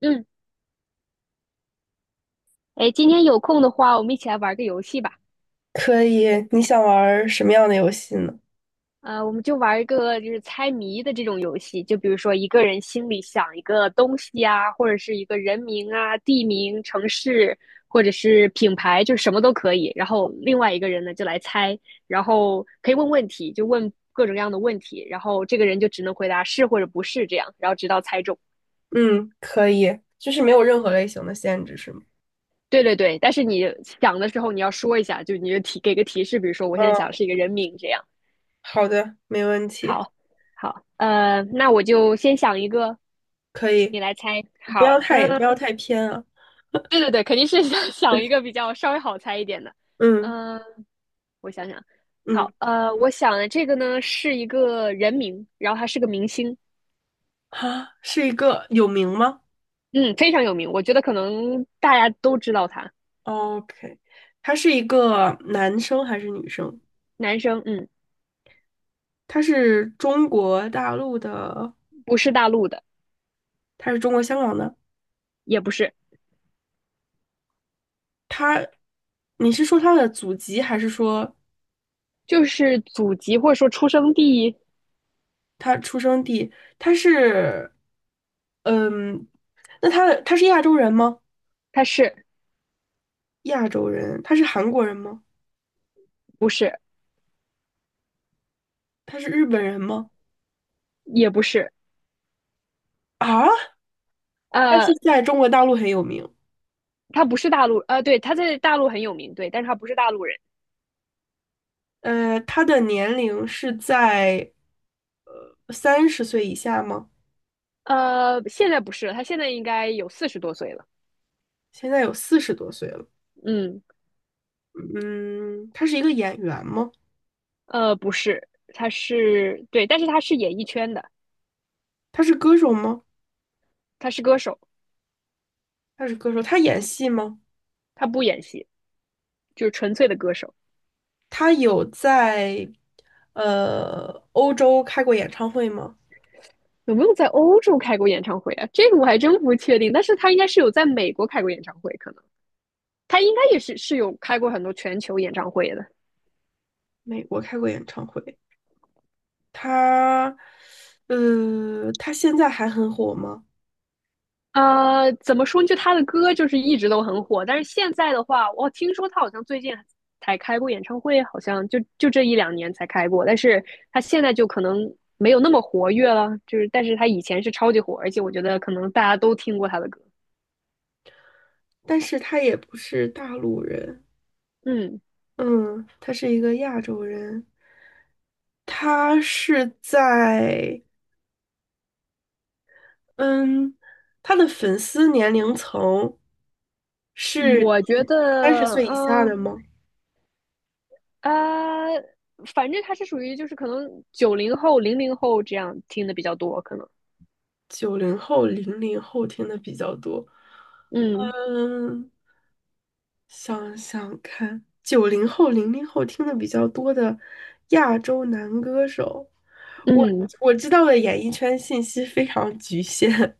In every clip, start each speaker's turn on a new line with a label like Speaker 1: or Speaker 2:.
Speaker 1: 嗯，哎，今天有空的话，我们一起来玩个游戏吧。
Speaker 2: 可以，你想玩儿什么样的游戏呢？
Speaker 1: 我们就玩一个就是猜谜的这种游戏，就比如说一个人心里想一个东西啊，或者是一个人名啊、地名、城市，或者是品牌，就什么都可以。然后另外一个人呢就来猜，然后可以问问题，就问各种各样的问题，然后这个人就只能回答是或者不是这样，然后直到猜中。
Speaker 2: 嗯，可以，就是没有任何类型的限制，是吗？
Speaker 1: 对对对，但是你想的时候你要说一下，就你就提给个提示，比如说我现在
Speaker 2: 嗯，
Speaker 1: 想是一个人名这样。
Speaker 2: 好的，没问题，
Speaker 1: 好，好，那我就先想一个，
Speaker 2: 可以，
Speaker 1: 你来猜。
Speaker 2: 不
Speaker 1: 好，
Speaker 2: 要
Speaker 1: 嗯、
Speaker 2: 太不要太偏啊。
Speaker 1: 对对对，肯定是 想一个比较稍微好猜一点的。
Speaker 2: 嗯
Speaker 1: 嗯、我想想，
Speaker 2: 嗯，
Speaker 1: 好，我想的这个呢是一个人名，然后他是个明星，
Speaker 2: 啊，是一个有名吗
Speaker 1: 嗯，非常有名，我觉得可能大家都知道他，
Speaker 2: 哦？OK，他是一个男生还是女生？
Speaker 1: 男生，嗯，
Speaker 2: 他是中国大陆的，
Speaker 1: 不是大陆的，
Speaker 2: 他是中国香港的。
Speaker 1: 也不是，
Speaker 2: 他，你是说他的祖籍，还是说
Speaker 1: 就是祖籍或者说出生地，
Speaker 2: 他出生地，他是，嗯，那他是亚洲人吗？
Speaker 1: 他是，
Speaker 2: 亚洲人，他是韩国人吗？
Speaker 1: 不是，
Speaker 2: 他是日本人吗？
Speaker 1: 也不是，
Speaker 2: 啊，他是
Speaker 1: 呃，
Speaker 2: 在中国大陆很有名。
Speaker 1: 他不是大陆，对，他在大陆很有名，对，但是他不是大陆人。
Speaker 2: 他的年龄是在三十岁以下吗？
Speaker 1: 现在不是了，他现在应该有四十多岁了。
Speaker 2: 现在有四十多岁了。
Speaker 1: 嗯，
Speaker 2: 嗯，他是一个演员吗？
Speaker 1: 不是，他是，对，但是他是演艺圈的，
Speaker 2: 他是歌手吗？
Speaker 1: 他是歌手，
Speaker 2: 他是歌手，他演戏吗？
Speaker 1: 他不演戏，就是纯粹的歌手。
Speaker 2: 他有在欧洲开过演唱会吗？
Speaker 1: 有没有在欧洲开过演唱会啊？这个我还真不确定，但是他应该是有在美国开过演唱会，可能他应该也是有开过很多全球演唱会的。
Speaker 2: 美国开过演唱会，他，他现在还很火吗？
Speaker 1: 怎么说？就他的歌就是一直都很火，但是现在的话，我听说他好像最近才开过演唱会，好像就这一两年才开过，但是他现在就可能没有那么活跃了，就是但是他以前是超级火，而且我觉得可能大家都听过他的歌。
Speaker 2: 但是他也不是大陆人，
Speaker 1: 嗯，
Speaker 2: 嗯，他是一个亚洲人，他是在，嗯，他的粉丝年龄层是
Speaker 1: 我觉
Speaker 2: 三十
Speaker 1: 得，
Speaker 2: 岁以下
Speaker 1: 嗯、
Speaker 2: 的吗？
Speaker 1: 呃、呃反正他是属于就是可能九零后、零零后这样听的比较多，可能，
Speaker 2: 九零后、零零后听的比较多，
Speaker 1: 嗯
Speaker 2: 嗯。想想看，九零后、零零后听的比较多的亚洲男歌手，我
Speaker 1: 嗯。
Speaker 2: 我知道的演艺圈信息非常局限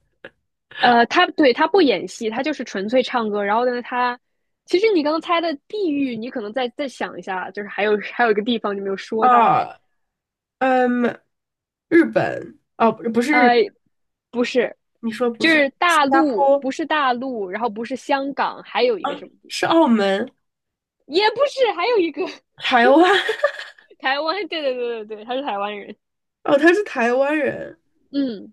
Speaker 1: 他，对，他不演戏，他就是纯粹唱歌。然后呢，他其实你刚刚猜的地域，你可能再想一下，就是还有 还有一个地方你没有 说到，
Speaker 2: 啊，嗯，日本哦，不是日
Speaker 1: 呃，
Speaker 2: 本，
Speaker 1: 不是，
Speaker 2: 你说不
Speaker 1: 就
Speaker 2: 是
Speaker 1: 是大
Speaker 2: 新加
Speaker 1: 陆，
Speaker 2: 坡，
Speaker 1: 不是大陆，然后不是香港，还有一个什么地
Speaker 2: 是
Speaker 1: 方，
Speaker 2: 澳门、
Speaker 1: 也不是，还有一个
Speaker 2: 台湾
Speaker 1: 台湾。对对对对对，他是台湾人。
Speaker 2: 哦，他是台湾人，
Speaker 1: 嗯，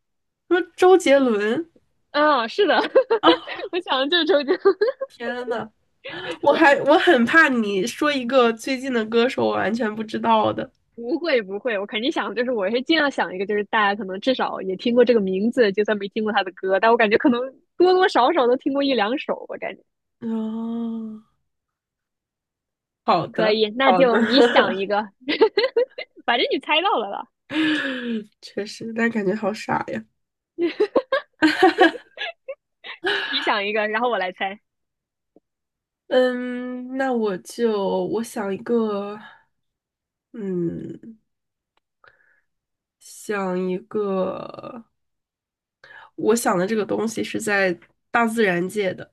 Speaker 2: 说周杰伦
Speaker 1: 啊，是的，
Speaker 2: 啊，
Speaker 1: 我想的就是周杰伦。
Speaker 2: 天呐，我很怕你说一个最近的歌手我完全不知道的，
Speaker 1: 不会不会，我肯定想，就是我是尽量想一个，就是大家可能至少也听过这个名字，就算没听过他的歌，但我感觉可能多多少少都听过一两首，我感觉
Speaker 2: 哦，好
Speaker 1: 可
Speaker 2: 的
Speaker 1: 以。那
Speaker 2: 好的。
Speaker 1: 就你想 一个，反正你猜到了吧？
Speaker 2: 嗯，确实，但感觉好傻呀。
Speaker 1: 你想一个，然后我来猜。
Speaker 2: 嗯，那我就想一个，嗯，想一个，我想的这个东西是在大自然界的，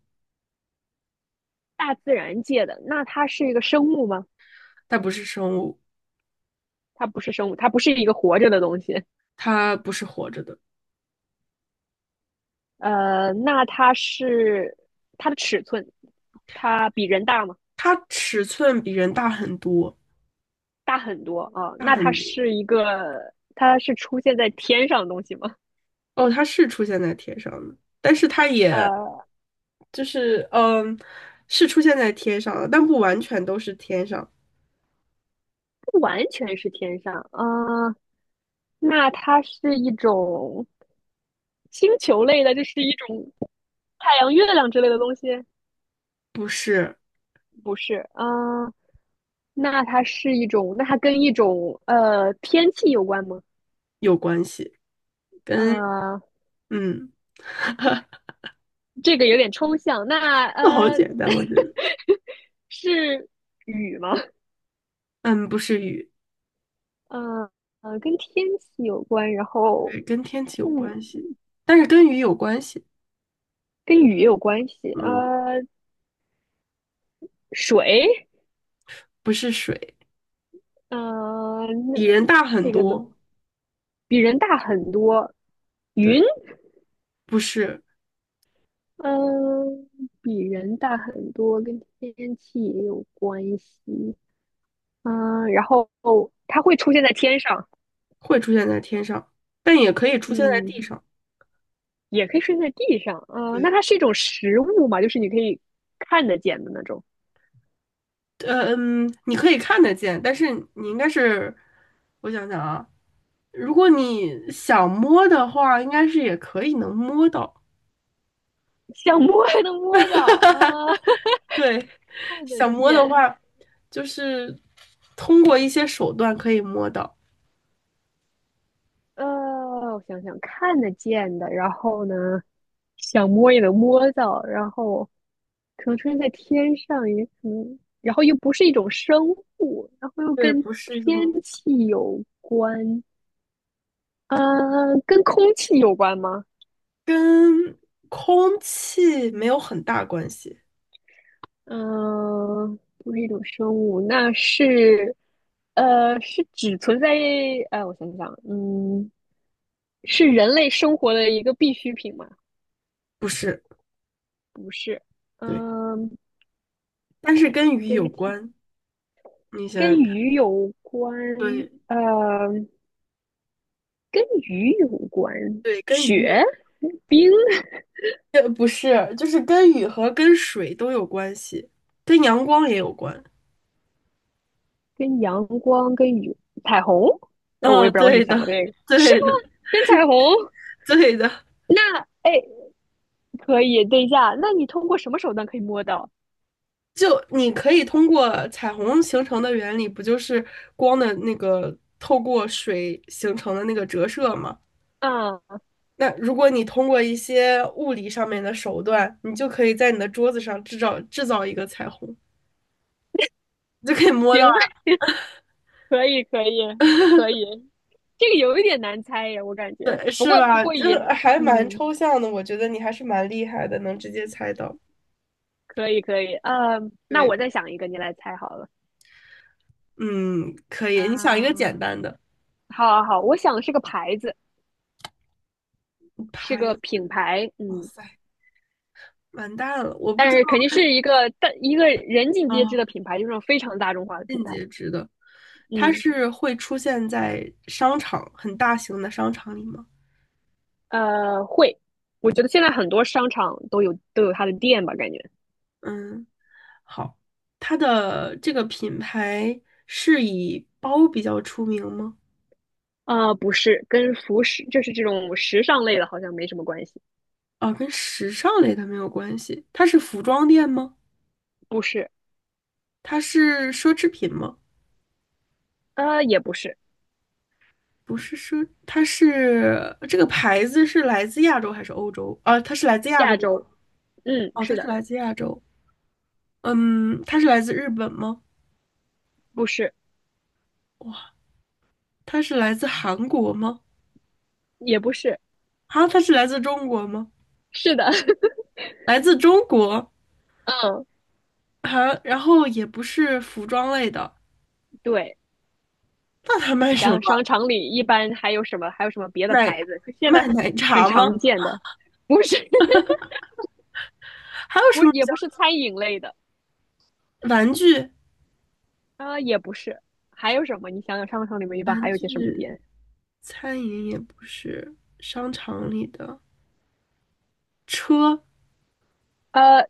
Speaker 1: 大自然界的，那它是一个生物吗？
Speaker 2: 它不是生物，
Speaker 1: 它不是生物，它不是一个活着的东西。
Speaker 2: 它不是活着的，
Speaker 1: 那它是，它的尺寸，它比人大吗？
Speaker 2: 它尺寸比人大很多，
Speaker 1: 大很多啊，
Speaker 2: 大
Speaker 1: 那它
Speaker 2: 很多。
Speaker 1: 是一个，它是出现在天上的东西吗？
Speaker 2: 哦，它是出现在天上的，但是它也
Speaker 1: 呃，
Speaker 2: 就是嗯，是出现在天上的，但不完全都是天上，
Speaker 1: 不完全是天上，啊，那它是一种星球类的，就是一种太阳、月亮之类的东西，
Speaker 2: 不是
Speaker 1: 不是，啊，那它是一种，那它跟一种天气有关吗？
Speaker 2: 有关系，跟
Speaker 1: 呃，
Speaker 2: 嗯。
Speaker 1: 这个有点抽象，那
Speaker 2: 那好简单，我觉得。
Speaker 1: 是雨吗？
Speaker 2: 嗯，不是雨，
Speaker 1: 呃跟天气有关，然后
Speaker 2: 对，跟天气有
Speaker 1: 嗯，
Speaker 2: 关系，但是跟雨有关系。
Speaker 1: 跟雨也有关系，
Speaker 2: 嗯，
Speaker 1: 水。
Speaker 2: 不是水，
Speaker 1: 嗯呃，那
Speaker 2: 比人大很
Speaker 1: 这个呢
Speaker 2: 多。
Speaker 1: 比人大很多，
Speaker 2: 对，
Speaker 1: 云，
Speaker 2: 不是，
Speaker 1: 嗯，比人大很多，跟天气也有关系，嗯，然后它会出现在天上，
Speaker 2: 会出现在天上，但也可以出现在地
Speaker 1: 嗯，
Speaker 2: 上。
Speaker 1: 也可以出现在地上，嗯，那
Speaker 2: 对，
Speaker 1: 它是一种实物嘛，就是你可以看得见的那种，
Speaker 2: 嗯，你可以看得见，但是你应该是，我想想啊，如果你想摸的话，应该是也可以能摸到。
Speaker 1: 想摸还能摸到啊，
Speaker 2: 对，
Speaker 1: 看得
Speaker 2: 想摸的
Speaker 1: 见，
Speaker 2: 话，就是通过一些手段可以摸到。
Speaker 1: 呃，我想想，看得见的，然后呢，想摸也能摸到，然后可能出现在天上，也可能，然后又不是一种生物，然后又
Speaker 2: 对，
Speaker 1: 跟
Speaker 2: 不是一
Speaker 1: 天
Speaker 2: 种。
Speaker 1: 气有关，嗯、跟空气有关吗？
Speaker 2: 跟空气没有很大关系，
Speaker 1: 嗯、不是一种生物，那是，是只存在，哎，我想想，嗯，是人类生活的一个必需品吗？
Speaker 2: 不是，
Speaker 1: 不是，
Speaker 2: 对，
Speaker 1: 嗯、
Speaker 2: 但是跟雨有
Speaker 1: 跟鸡
Speaker 2: 关。你想
Speaker 1: 跟
Speaker 2: 想看，
Speaker 1: 鱼有关，
Speaker 2: 对
Speaker 1: 呃，跟鱼有关，
Speaker 2: 对，跟雨
Speaker 1: 雪、
Speaker 2: 有，
Speaker 1: 冰、
Speaker 2: 不是，就是跟雨和跟水都有关系，跟阳光也有关。
Speaker 1: 跟阳光、跟雨、彩虹，我
Speaker 2: 嗯，
Speaker 1: 也不知道为什么
Speaker 2: 对的，
Speaker 1: 想到这个，是
Speaker 2: 对的，
Speaker 1: 吗？跟彩虹？
Speaker 2: 对的。
Speaker 1: 那哎，可以，等一下，那你通过什么手段可以摸到？
Speaker 2: 就你可以通过彩虹形成的原理，不就是光的那个透过水形成的那个折射吗？
Speaker 1: 嗯，
Speaker 2: 那如果你通过一些物理上面的手段，你就可以在你的桌子上制造一个彩虹，你就可以摸到
Speaker 1: 行吧，可以，可以，可以，这个有一点难猜呀，我感觉，
Speaker 2: 对，
Speaker 1: 不
Speaker 2: 是
Speaker 1: 过不
Speaker 2: 吧？
Speaker 1: 过
Speaker 2: 就
Speaker 1: 也，
Speaker 2: 是还蛮
Speaker 1: 嗯，
Speaker 2: 抽象的，我觉得你还是蛮厉害的，能直接猜到。
Speaker 1: 可以，可以，那
Speaker 2: 对，
Speaker 1: 我再想一个，你来猜好了，
Speaker 2: 嗯，可以。
Speaker 1: 啊。
Speaker 2: 你想一个简单的，
Speaker 1: 好好好，我想是个牌子，是
Speaker 2: 拍，
Speaker 1: 个品牌，
Speaker 2: 哇
Speaker 1: 嗯，
Speaker 2: 塞，完蛋了，我不知
Speaker 1: 但
Speaker 2: 道
Speaker 1: 是肯定是一个人尽皆知
Speaker 2: 啊，
Speaker 1: 的品牌，就是那种非常大众化的品牌，
Speaker 2: 它
Speaker 1: 嗯，
Speaker 2: 是会出现在商场，很大型的商场里吗？
Speaker 1: 会，我觉得现在很多商场都有它的店吧，感觉，
Speaker 2: 嗯，好，它的这个品牌是以包比较出名吗？
Speaker 1: 不是，跟服饰就是这种时尚类的，好像没什么关系，
Speaker 2: 哦，跟时尚类的没有关系。它是服装店吗？
Speaker 1: 不是，
Speaker 2: 它是奢侈品吗？
Speaker 1: 也不是，
Speaker 2: 不是奢，它是这个牌子是来自亚洲还是欧洲？啊，它是来自亚洲
Speaker 1: 亚
Speaker 2: 吗？
Speaker 1: 洲，嗯，
Speaker 2: 哦，它
Speaker 1: 是
Speaker 2: 是
Speaker 1: 的，
Speaker 2: 来自亚洲。嗯，它是来自日本吗？
Speaker 1: 不是，
Speaker 2: 哇，它是来自韩国吗？
Speaker 1: 也不是，
Speaker 2: 啊，它是来自中国吗？
Speaker 1: 是的，
Speaker 2: 来自中国
Speaker 1: 嗯，
Speaker 2: 啊，然后也不是服装类的，
Speaker 1: 对。
Speaker 2: 那它卖
Speaker 1: 你
Speaker 2: 什
Speaker 1: 想
Speaker 2: 么？
Speaker 1: 想商场里一般还有什么，还有什么别的
Speaker 2: 奶，
Speaker 1: 牌子？就现在
Speaker 2: 卖奶
Speaker 1: 很
Speaker 2: 茶吗？
Speaker 1: 常见的，不是
Speaker 2: 还有什
Speaker 1: 不
Speaker 2: 么
Speaker 1: 也不是餐饮类的，
Speaker 2: 玩具？
Speaker 1: 啊、也不是，还有什么？你想想商场里面一般还有些什么店？
Speaker 2: 餐饮也不是，商场里的车
Speaker 1: 呃，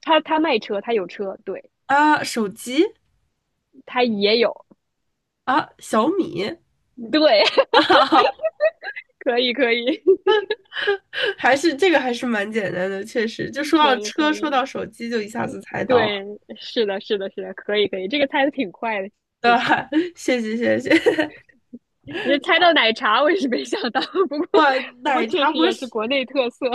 Speaker 1: 他卖车，他有车，对，
Speaker 2: 啊，手机
Speaker 1: 他也有，
Speaker 2: 啊，小米
Speaker 1: 对，
Speaker 2: 啊，
Speaker 1: 可以可以
Speaker 2: 还是这个还是蛮简单的，确实，就说
Speaker 1: 可
Speaker 2: 到
Speaker 1: 以可
Speaker 2: 车，说
Speaker 1: 以，
Speaker 2: 到手机，就一下子猜到了，
Speaker 1: 对，是的是的是的，可以可以，这个猜的挺快的，
Speaker 2: 对
Speaker 1: 其实。
Speaker 2: 吧？谢谢谢谢，
Speaker 1: 你猜到奶茶，我也是没想到，不过
Speaker 2: 哇，
Speaker 1: 不过
Speaker 2: 奶
Speaker 1: 确
Speaker 2: 茶
Speaker 1: 实
Speaker 2: 不
Speaker 1: 也是
Speaker 2: 是
Speaker 1: 国内特色。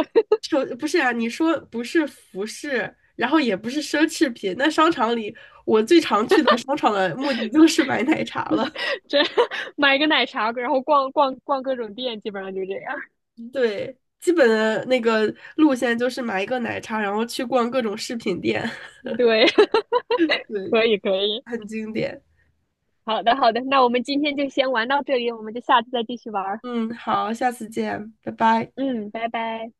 Speaker 2: 手，不是啊，你说不是服饰，然后也不是奢侈品，那商场里我最常去的商场的目的就是买奶茶了，
Speaker 1: 这 买个奶茶，然后逛逛逛各种店，基本上就这样。
Speaker 2: 对。基本的那个路线就是买一个奶茶，然后去逛各种饰品店，
Speaker 1: 对，
Speaker 2: 对，
Speaker 1: 可以可以，
Speaker 2: 很经典。
Speaker 1: 好的好的，那我们今天就先玩到这里，我们就下次再继续玩儿。
Speaker 2: 嗯，好，下次见，拜拜。
Speaker 1: 嗯，拜拜。